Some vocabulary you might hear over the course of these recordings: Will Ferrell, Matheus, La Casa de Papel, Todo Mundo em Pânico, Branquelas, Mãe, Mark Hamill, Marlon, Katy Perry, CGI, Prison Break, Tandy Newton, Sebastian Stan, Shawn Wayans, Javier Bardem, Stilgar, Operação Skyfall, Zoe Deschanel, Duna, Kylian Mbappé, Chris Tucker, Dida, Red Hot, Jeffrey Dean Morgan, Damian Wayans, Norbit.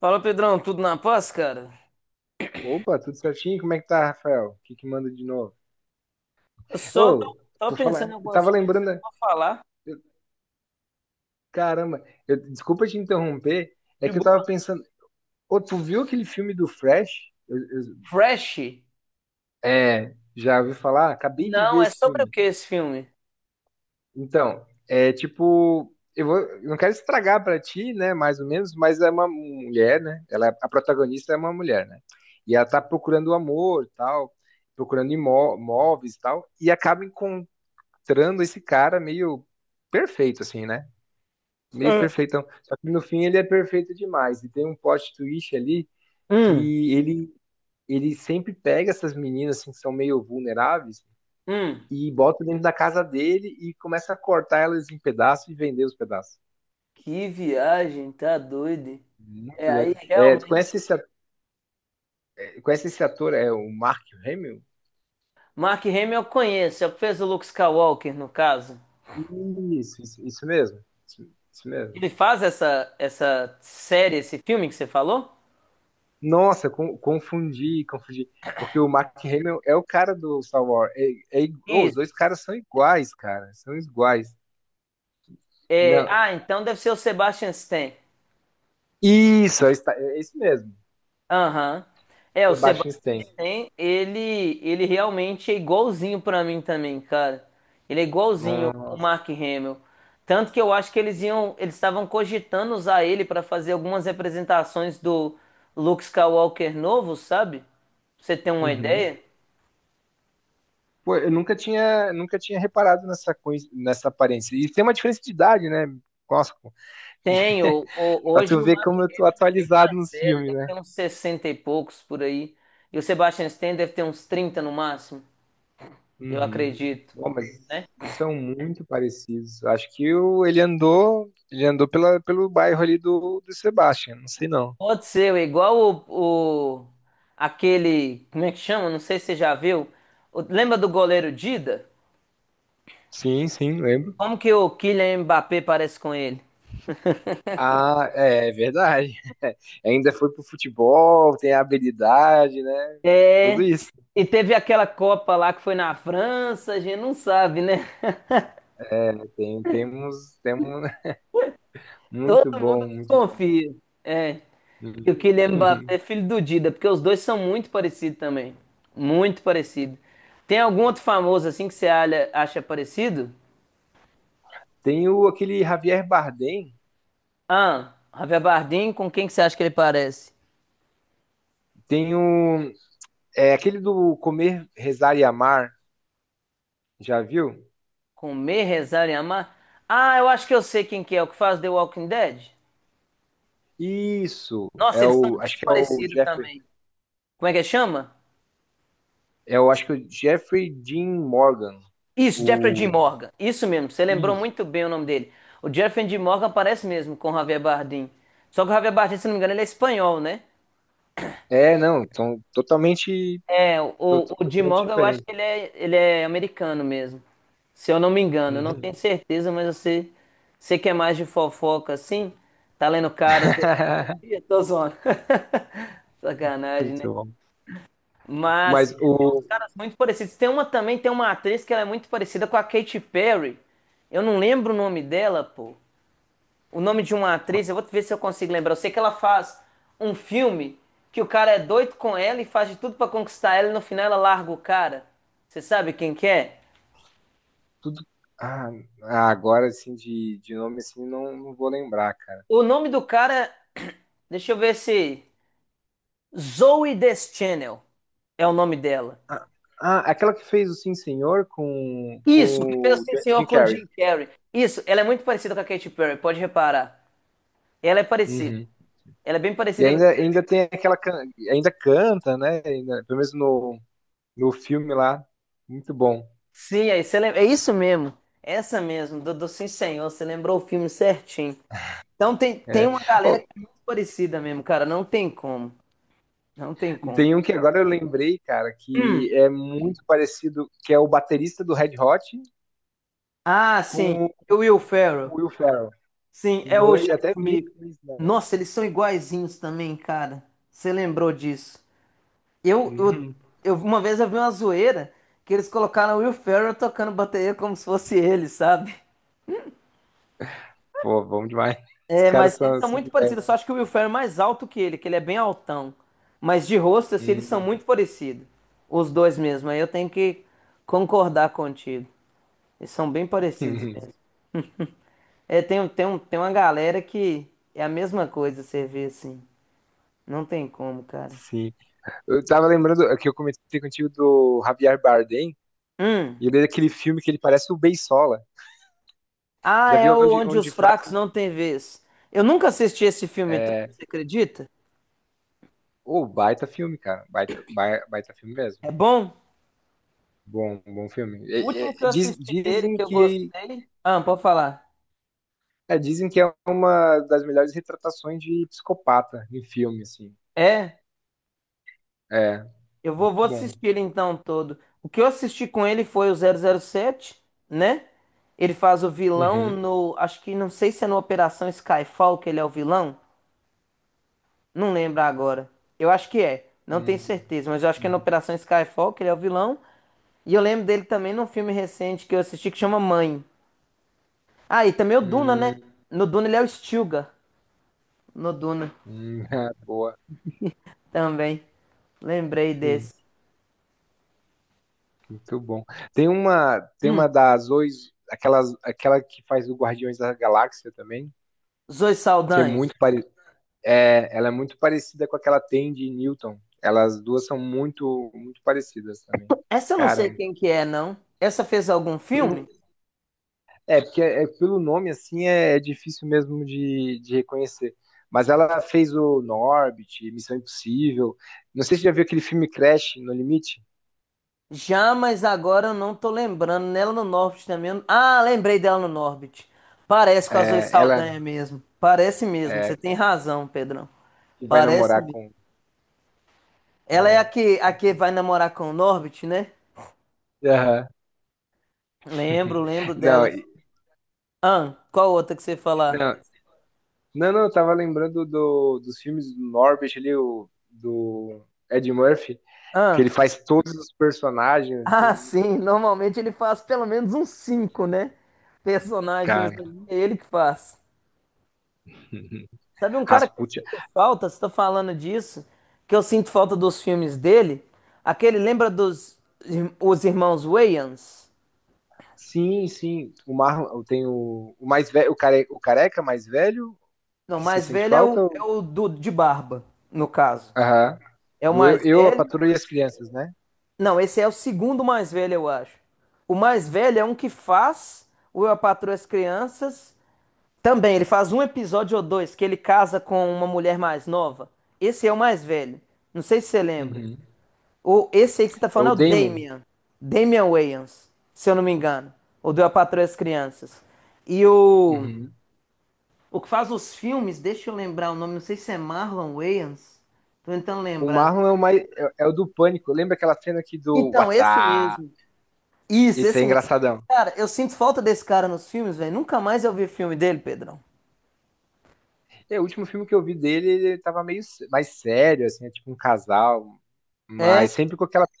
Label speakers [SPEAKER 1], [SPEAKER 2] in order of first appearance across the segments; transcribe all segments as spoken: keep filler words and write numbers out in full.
[SPEAKER 1] Fala, Pedrão, tudo na paz, cara?
[SPEAKER 2] Opa, tudo certinho? Como é que tá, Rafael? O que que manda de novo?
[SPEAKER 1] Eu só tô,
[SPEAKER 2] Ô,
[SPEAKER 1] tô
[SPEAKER 2] por
[SPEAKER 1] pensando em
[SPEAKER 2] falar, eu
[SPEAKER 1] algumas
[SPEAKER 2] tava
[SPEAKER 1] coisas que
[SPEAKER 2] lembrando,
[SPEAKER 1] eu
[SPEAKER 2] né?
[SPEAKER 1] vou falar.
[SPEAKER 2] Caramba, eu- desculpa te interromper, é
[SPEAKER 1] De
[SPEAKER 2] que eu
[SPEAKER 1] boa?
[SPEAKER 2] tava pensando, ô, tu viu aquele filme do Fresh? Eu- eu-
[SPEAKER 1] Fresh?
[SPEAKER 2] É, já ouviu falar? Acabei de
[SPEAKER 1] Não,
[SPEAKER 2] ver
[SPEAKER 1] é
[SPEAKER 2] esse
[SPEAKER 1] sobre o
[SPEAKER 2] filme.
[SPEAKER 1] que esse filme?
[SPEAKER 2] Então, é tipo, eu vou, eu não quero estragar pra ti, né, mais ou menos, mas é uma mulher, né? Ela, é, a protagonista é uma mulher, né? E ela tá procurando o amor, tal, procurando imó- imóveis, tal, e acaba mostrando esse cara meio perfeito, assim, né? Meio
[SPEAKER 1] Ah.
[SPEAKER 2] perfeitão. Só que no fim ele é perfeito demais. E tem um plot twist ali
[SPEAKER 1] Hum,
[SPEAKER 2] que ele, ele sempre pega essas meninas assim, que são meio vulneráveis
[SPEAKER 1] hum.
[SPEAKER 2] e bota dentro da casa dele e começa a cortar elas em pedaços e vender os pedaços.
[SPEAKER 1] Que viagem, tá doido? É
[SPEAKER 2] Muito doido.
[SPEAKER 1] aí,
[SPEAKER 2] É, tu
[SPEAKER 1] realmente.
[SPEAKER 2] conhece esse, at- conhece esse ator? É o Mark Hamill?
[SPEAKER 1] Mark Hamill eu conheço, ele fez o Luke Skywalker, no caso.
[SPEAKER 2] Isso, isso, isso mesmo. Isso, isso mesmo.
[SPEAKER 1] Ele faz essa, essa série, esse filme que você falou?
[SPEAKER 2] Nossa, con- confundi, confundi. Porque o Mark Hamill é o cara do Star Wars. É, é i- ô, os
[SPEAKER 1] Isso.
[SPEAKER 2] dois caras são iguais, cara. São iguais.
[SPEAKER 1] É,
[SPEAKER 2] Não.
[SPEAKER 1] ah, então deve ser o Sebastian Stan.
[SPEAKER 2] Isso, é, esta- é isso mesmo.
[SPEAKER 1] Aham. É, o
[SPEAKER 2] Sebastian
[SPEAKER 1] Sebastian
[SPEAKER 2] Stan.
[SPEAKER 1] Stan, ele, ele realmente é igualzinho pra mim também, cara. Ele é igualzinho o
[SPEAKER 2] Nossa.
[SPEAKER 1] Mark Hamill. Tanto que eu acho que eles iam, eles estavam cogitando usar ele pra fazer algumas representações do Luke Skywalker novo, sabe? Pra você tem uma
[SPEAKER 2] Uhum.
[SPEAKER 1] ideia?
[SPEAKER 2] Pô, eu nunca tinha, nunca tinha reparado nessa coisa, nessa aparência. E tem uma diferença de idade, né? Nossa, pô.
[SPEAKER 1] Tenho. O-
[SPEAKER 2] Pra tu
[SPEAKER 1] Hoje o
[SPEAKER 2] ver
[SPEAKER 1] Mark
[SPEAKER 2] como eu tô
[SPEAKER 1] Hamill é bem
[SPEAKER 2] atualizado
[SPEAKER 1] mais
[SPEAKER 2] nos
[SPEAKER 1] velho,
[SPEAKER 2] filmes,
[SPEAKER 1] deve
[SPEAKER 2] né?
[SPEAKER 1] ter uns sessenta e poucos por aí. E o Sebastian Stan deve ter uns trinta no máximo, eu
[SPEAKER 2] Uhum.
[SPEAKER 1] acredito,
[SPEAKER 2] Bom, mas
[SPEAKER 1] né?
[SPEAKER 2] são muito parecidos. Acho que o, ele andou, ele andou pela, pelo bairro ali do, do Sebastian, não sei não.
[SPEAKER 1] Pode ser, é igual o, o- aquele, como é que chama? Não sei se você já viu. O- lembra do goleiro Dida?
[SPEAKER 2] Sim, sim, lembro.
[SPEAKER 1] Como que o Kylian Mbappé parece com ele?
[SPEAKER 2] Ah, é, é verdade. Ainda foi pro futebol, tem a habilidade, né? Tudo
[SPEAKER 1] É,
[SPEAKER 2] isso.
[SPEAKER 1] e teve aquela Copa lá que foi na França, a gente não sabe, né?
[SPEAKER 2] É, tem, temos, temos
[SPEAKER 1] Todo
[SPEAKER 2] muito
[SPEAKER 1] mundo
[SPEAKER 2] bom, muito bom.
[SPEAKER 1] desconfia. É, que o
[SPEAKER 2] Uhum.
[SPEAKER 1] Kylian Mbappé é filho do Dida, porque os dois são muito parecidos também. Muito parecido. Tem algum outro famoso assim que você alha- acha parecido?
[SPEAKER 2] Tem o aquele Javier Bardem,
[SPEAKER 1] Ah, Javier Bardem, com quem que você acha que ele parece?
[SPEAKER 2] tem o é aquele do Comer, Rezar e Amar, já viu?
[SPEAKER 1] Comer, rezar e amar. Ah, eu acho que eu sei quem que é, o que faz The Walking Dead.
[SPEAKER 2] Isso,
[SPEAKER 1] Nossa,
[SPEAKER 2] é
[SPEAKER 1] eles são
[SPEAKER 2] o, acho
[SPEAKER 1] muito
[SPEAKER 2] que é o
[SPEAKER 1] parecidos
[SPEAKER 2] Jeffrey,
[SPEAKER 1] também. Como é que chama?
[SPEAKER 2] é o, acho que é o Jeffrey Dean Morgan,
[SPEAKER 1] Isso, Jeffrey Dean
[SPEAKER 2] o,
[SPEAKER 1] Morgan. Isso mesmo, você lembrou
[SPEAKER 2] isso.
[SPEAKER 1] muito bem o nome dele. O Jeffrey Dean Morgan parece mesmo com o Javier Bardem. Só que o Javier Bardem, se não me engano, ele é espanhol, né?
[SPEAKER 2] É, não, então, totalmente,
[SPEAKER 1] É, o,
[SPEAKER 2] to-
[SPEAKER 1] o Jim
[SPEAKER 2] totalmente
[SPEAKER 1] Morgan, eu acho
[SPEAKER 2] diferente.
[SPEAKER 1] que ele é, ele é americano mesmo. Se eu não me engano, eu não
[SPEAKER 2] Uhum.
[SPEAKER 1] tenho certeza, mas você, você que é mais de fofoca assim, tá lendo caras aí todo dia? Tô zoando. Sacanagem, né?
[SPEAKER 2] Muito bom.
[SPEAKER 1] Mas
[SPEAKER 2] Mas
[SPEAKER 1] tem uns
[SPEAKER 2] o,
[SPEAKER 1] caras muito parecidos. Tem uma também, tem uma atriz que ela é muito parecida com a Katy Perry. Eu não lembro o nome dela, pô o nome de uma atriz, eu vou ver se eu consigo lembrar. Eu sei que ela faz um filme que o cara é doido com ela e faz de tudo pra conquistar ela e no final ela larga o cara. Você sabe quem que é?
[SPEAKER 2] tudo, ah, ah, agora, assim, de, de nome, assim, não, não vou lembrar, cara.
[SPEAKER 1] O nome do cara, deixa eu ver se Zoe Deschanel é o nome dela.
[SPEAKER 2] Ah, ah, aquela que fez o Sim Senhor com,
[SPEAKER 1] Isso, que
[SPEAKER 2] com
[SPEAKER 1] fez
[SPEAKER 2] o
[SPEAKER 1] Sim
[SPEAKER 2] Ja-,
[SPEAKER 1] Senhor
[SPEAKER 2] Jim
[SPEAKER 1] com
[SPEAKER 2] Carrey.
[SPEAKER 1] Jim Carrey. Isso, ela é muito parecida com a Katy Perry, pode reparar. Ela é parecida.
[SPEAKER 2] Uhum.
[SPEAKER 1] Ela é bem
[SPEAKER 2] E
[SPEAKER 1] parecida com a
[SPEAKER 2] ainda, ainda tem aquela. can- Ainda canta, né? Ainda, pelo menos no, no filme lá, muito bom.
[SPEAKER 1] sim, aí você lembra. É isso mesmo. Essa mesmo, do, do Sim Senhor. Você lembrou o filme certinho. Então tem, tem
[SPEAKER 2] É.
[SPEAKER 1] uma
[SPEAKER 2] Oh,
[SPEAKER 1] galera que é muito parecida mesmo, cara. Não tem como. Não tem como.
[SPEAKER 2] tem um que agora eu lembrei, cara, que é muito parecido, que é o baterista do Red Hot
[SPEAKER 1] Ah, sim.
[SPEAKER 2] com
[SPEAKER 1] O Will Ferrell.
[SPEAKER 2] o Will Ferrell.
[SPEAKER 1] Sim,
[SPEAKER 2] Os
[SPEAKER 1] é o Chad
[SPEAKER 2] dois, até brinco
[SPEAKER 1] Smith.
[SPEAKER 2] com isso, né?
[SPEAKER 1] Nossa, eles são iguaizinhos também, cara. Você lembrou disso? Eu, eu,
[SPEAKER 2] Uhum.
[SPEAKER 1] eu- uma vez eu vi uma zoeira que eles colocaram o Will Ferrell tocando bateria como se fosse ele, sabe?
[SPEAKER 2] Pô, bom demais. Os
[SPEAKER 1] É,
[SPEAKER 2] caras
[SPEAKER 1] mas
[SPEAKER 2] são
[SPEAKER 1] eles são
[SPEAKER 2] assim
[SPEAKER 1] muito
[SPEAKER 2] de
[SPEAKER 1] parecidos. Só
[SPEAKER 2] velho.
[SPEAKER 1] acho que o Will Ferrell é mais alto que ele, que ele é bem altão. Mas de rosto, assim, eles são
[SPEAKER 2] Uhum.
[SPEAKER 1] muito parecidos. Os dois mesmo. Aí eu tenho que concordar contigo. Eles são bem parecidos mesmo. É, tem, um- tem, um, tem uma galera que é a mesma coisa, você vê assim. Não tem como, cara.
[SPEAKER 2] Sim. Eu tava lembrando é que eu comentei contigo do Javier Bardem,
[SPEAKER 1] Hum.
[SPEAKER 2] e ele é aquele filme que ele parece o Beisola.
[SPEAKER 1] Ah,
[SPEAKER 2] Já
[SPEAKER 1] é
[SPEAKER 2] viu
[SPEAKER 1] o
[SPEAKER 2] onde,
[SPEAKER 1] Onde
[SPEAKER 2] onde
[SPEAKER 1] os Fracos
[SPEAKER 2] fraco.
[SPEAKER 1] Não Têm Vez. Eu nunca assisti esse filme todo,
[SPEAKER 2] É.
[SPEAKER 1] você acredita?
[SPEAKER 2] Ô, baita filme, cara. Baita, bai- baita filme mesmo.
[SPEAKER 1] É bom?
[SPEAKER 2] Bom, bom filme.
[SPEAKER 1] O
[SPEAKER 2] É, é,
[SPEAKER 1] último que eu
[SPEAKER 2] diz-
[SPEAKER 1] assisti dele,
[SPEAKER 2] dizem
[SPEAKER 1] que eu
[SPEAKER 2] que
[SPEAKER 1] gostei. Ah, pode falar.
[SPEAKER 2] é, dizem que é uma das melhores retratações de psicopata em filme, assim.
[SPEAKER 1] É,
[SPEAKER 2] É,
[SPEAKER 1] eu vou, vou
[SPEAKER 2] muito bom.
[SPEAKER 1] assistir ele então todo. O que eu assisti com ele foi o zero zero sete, né? Ele faz o vilão
[SPEAKER 2] Uhum.
[SPEAKER 1] no. Acho que não sei se é no Operação Skyfall que ele é o vilão. Não lembro agora. Eu acho que é. Não tenho
[SPEAKER 2] Hum,
[SPEAKER 1] certeza, mas eu acho que é na
[SPEAKER 2] uhum.
[SPEAKER 1] Operação Skyfall, que ele é o vilão. E eu lembro dele também num filme recente que eu assisti que chama Mãe. Ah, e também o Duna, né?
[SPEAKER 2] Hum,
[SPEAKER 1] No Duna ele é o Stilgar. No Duna
[SPEAKER 2] hum, ah, boa.
[SPEAKER 1] também. Lembrei
[SPEAKER 2] Hum,
[SPEAKER 1] desse.
[SPEAKER 2] muito bom. Tem uma, tem uma
[SPEAKER 1] Hum,
[SPEAKER 2] da Zoe, aquelas, aquela que faz o Guardiões da Galáxia também,
[SPEAKER 1] Zoe
[SPEAKER 2] que é
[SPEAKER 1] Saldanha.
[SPEAKER 2] muito pare, é, ela é muito parecida com aquela Tandy Newton. Elas duas são muito, muito parecidas também.
[SPEAKER 1] Essa eu não sei
[SPEAKER 2] Caramba.
[SPEAKER 1] quem que é, não. Essa fez algum filme?
[SPEAKER 2] É, porque é, é, pelo nome, assim, é, é difícil mesmo de, de reconhecer. Mas ela fez o Norbit, Missão Impossível. Não sei se você já viu aquele filme Crash, No Limite.
[SPEAKER 1] Já, mas agora eu não tô lembrando. Nela no Norbit também. eu- Ah, lembrei dela no Norbit. Parece com a Zoe
[SPEAKER 2] É, ela
[SPEAKER 1] Saldanha mesmo. Parece mesmo.
[SPEAKER 2] é,
[SPEAKER 1] Você tem razão, Pedrão.
[SPEAKER 2] que vai
[SPEAKER 1] Parece
[SPEAKER 2] namorar
[SPEAKER 1] mesmo.
[SPEAKER 2] com.
[SPEAKER 1] Ela é a
[SPEAKER 2] é,
[SPEAKER 1] que, a que vai namorar com o Norbit, né?
[SPEAKER 2] Aham.
[SPEAKER 1] Lembro, lembro
[SPEAKER 2] Não,
[SPEAKER 1] delas.
[SPEAKER 2] e-
[SPEAKER 1] Ah, qual outra que você ia falar?
[SPEAKER 2] não, não, não, eu tava lembrando do, dos filmes do Norbit ali, o, do Ed Murphy, que
[SPEAKER 1] Ah,
[SPEAKER 2] ele faz todos os personagens, assim,
[SPEAKER 1] ah,
[SPEAKER 2] é muito,
[SPEAKER 1] sim.
[SPEAKER 2] muito
[SPEAKER 1] Normalmente ele faz pelo menos uns cinco, né? Personagens
[SPEAKER 2] cara.
[SPEAKER 1] ali, é ele que faz. Sabe um cara que eu
[SPEAKER 2] Rasputin.
[SPEAKER 1] sinto falta, você tá falando disso, que eu sinto falta dos filmes dele? Aquele lembra dos ir- os irmãos Wayans?
[SPEAKER 2] Sim, sim. O Marlon tem o, o mais velho, o, care, o careca mais velho,
[SPEAKER 1] Não, o
[SPEAKER 2] que você
[SPEAKER 1] mais
[SPEAKER 2] sente
[SPEAKER 1] velho é
[SPEAKER 2] falta?
[SPEAKER 1] o, é
[SPEAKER 2] ou-
[SPEAKER 1] o do, de barba, no caso.
[SPEAKER 2] Aham.
[SPEAKER 1] É o
[SPEAKER 2] Do eu,
[SPEAKER 1] mais
[SPEAKER 2] eu, a
[SPEAKER 1] velho.
[SPEAKER 2] Patroa e as Crianças, né?
[SPEAKER 1] Não, esse é o segundo mais velho, eu acho. O mais velho é um que faz o Eu, a Patroa e as Crianças. Também, ele faz um episódio ou dois que ele casa com uma mulher mais nova. Esse é o mais velho. Não sei se você lembra.
[SPEAKER 2] Uhum.
[SPEAKER 1] Ou esse aí que você tá
[SPEAKER 2] É o
[SPEAKER 1] falando é o
[SPEAKER 2] Damon.
[SPEAKER 1] Damian. Damian Wayans, se eu não me engano. O do Eu, a Patroa e as Crianças. E o,
[SPEAKER 2] Uhum.
[SPEAKER 1] o que faz os filmes, deixa eu lembrar o nome, não sei se é Marlon Wayans. Tô tentando
[SPEAKER 2] O
[SPEAKER 1] lembrar.
[SPEAKER 2] Marlon é o mais, é, é o do Pânico. Lembra aquela cena aqui do
[SPEAKER 1] Então, esse
[SPEAKER 2] WhatsApp?
[SPEAKER 1] mesmo. Isso,
[SPEAKER 2] Esse é
[SPEAKER 1] esse mesmo.
[SPEAKER 2] engraçadão.
[SPEAKER 1] Cara, eu sinto falta desse cara nos filmes, velho. Nunca mais eu vi filme dele, Pedrão.
[SPEAKER 2] É, o último filme que eu vi dele, ele tava meio sé- mais sério, assim, é tipo um casal,
[SPEAKER 1] É,
[SPEAKER 2] mas sempre com aquela, com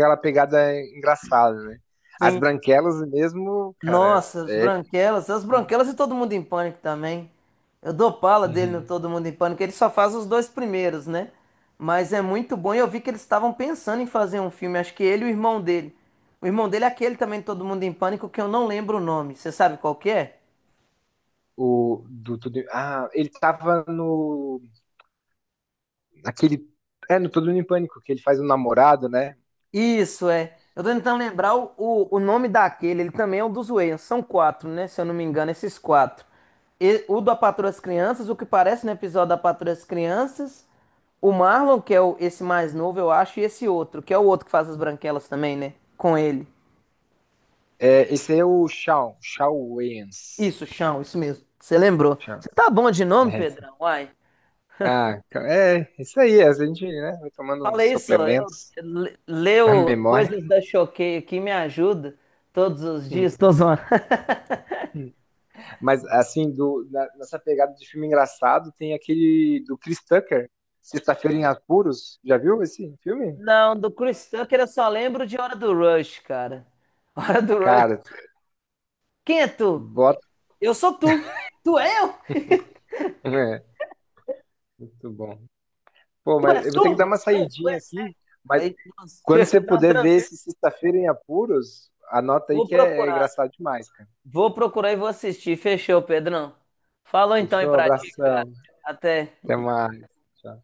[SPEAKER 2] aquela pegada engraçada, né? As
[SPEAKER 1] sim.
[SPEAKER 2] branquelas mesmo, cara,
[SPEAKER 1] Nossa, as
[SPEAKER 2] é.
[SPEAKER 1] Branquelas, as Branquelas e Todo Mundo em Pânico também. Eu dou pala dele no
[SPEAKER 2] Uhum.
[SPEAKER 1] Todo Mundo em Pânico. Ele só faz os dois primeiros, né? Mas é muito bom. E eu vi que eles estavam pensando em fazer um filme. Acho que ele e o irmão dele. O irmão dele é aquele também, Todo Mundo em Pânico, que eu não lembro o nome. Você sabe qual que é?
[SPEAKER 2] o do Tudo em- Ah, ele tava no aquele é no Tudo em Pânico que ele faz o namorado, né?
[SPEAKER 1] Isso, é. Eu tô tentando lembrar o, o, o nome daquele. Ele também é um dos Wayans. São quatro, né? Se eu não me engano, esses quatro. E, o da Patroa das Crianças, o que parece no episódio da Patroa das Crianças. O Marlon, que é o, esse mais novo, eu acho. E esse outro, que é o outro que faz as branquelas também, né? Com ele.
[SPEAKER 2] É, esse aí é o Shawn, Shawn Wayans.
[SPEAKER 1] Isso, chão, isso mesmo. Você lembrou.
[SPEAKER 2] Shawn-
[SPEAKER 1] Você tá bom de nome,
[SPEAKER 2] É. Esse.
[SPEAKER 1] Pedrão? Uai.
[SPEAKER 2] Ah, ca- é, isso aí, a gente, né, vai tomando
[SPEAKER 1] Fala
[SPEAKER 2] uns
[SPEAKER 1] isso, ó, eu
[SPEAKER 2] suplementos
[SPEAKER 1] le-
[SPEAKER 2] pra
[SPEAKER 1] leio
[SPEAKER 2] memória.
[SPEAKER 1] coisas da Choquei aqui, me ajuda todos os
[SPEAKER 2] Hum,
[SPEAKER 1] dias. Tô zoando.
[SPEAKER 2] hum. Mas assim, do na- nessa pegada de filme engraçado, tem aquele do Chris Tucker, Sexta-feira em Apuros. Já viu esse filme?
[SPEAKER 1] Não, do Chris Tucker eu só lembro de Hora do Rush, cara. Hora do Rush.
[SPEAKER 2] Cara,
[SPEAKER 1] Quem é tu?
[SPEAKER 2] bota,
[SPEAKER 1] Eu sou tu. Tu é eu?
[SPEAKER 2] é, muito bom. Pô,
[SPEAKER 1] Tu é
[SPEAKER 2] mas eu vou ter que dar
[SPEAKER 1] surdo?
[SPEAKER 2] uma
[SPEAKER 1] Não, tu é
[SPEAKER 2] saidinha aqui.
[SPEAKER 1] cego.
[SPEAKER 2] Mas
[SPEAKER 1] Aí, nossa,
[SPEAKER 2] quando você
[SPEAKER 1] não,
[SPEAKER 2] puder ver
[SPEAKER 1] tranquilo.
[SPEAKER 2] esse Sexta-feira em Apuros, anota aí
[SPEAKER 1] Vou
[SPEAKER 2] que é, é
[SPEAKER 1] procurar.
[SPEAKER 2] engraçado demais, cara.
[SPEAKER 1] Vou procurar e vou assistir. Fechou, Pedrão. Falou então aí
[SPEAKER 2] Fechou?
[SPEAKER 1] pra ti, cara.
[SPEAKER 2] Abração.
[SPEAKER 1] Até.
[SPEAKER 2] Até mais. Tchau.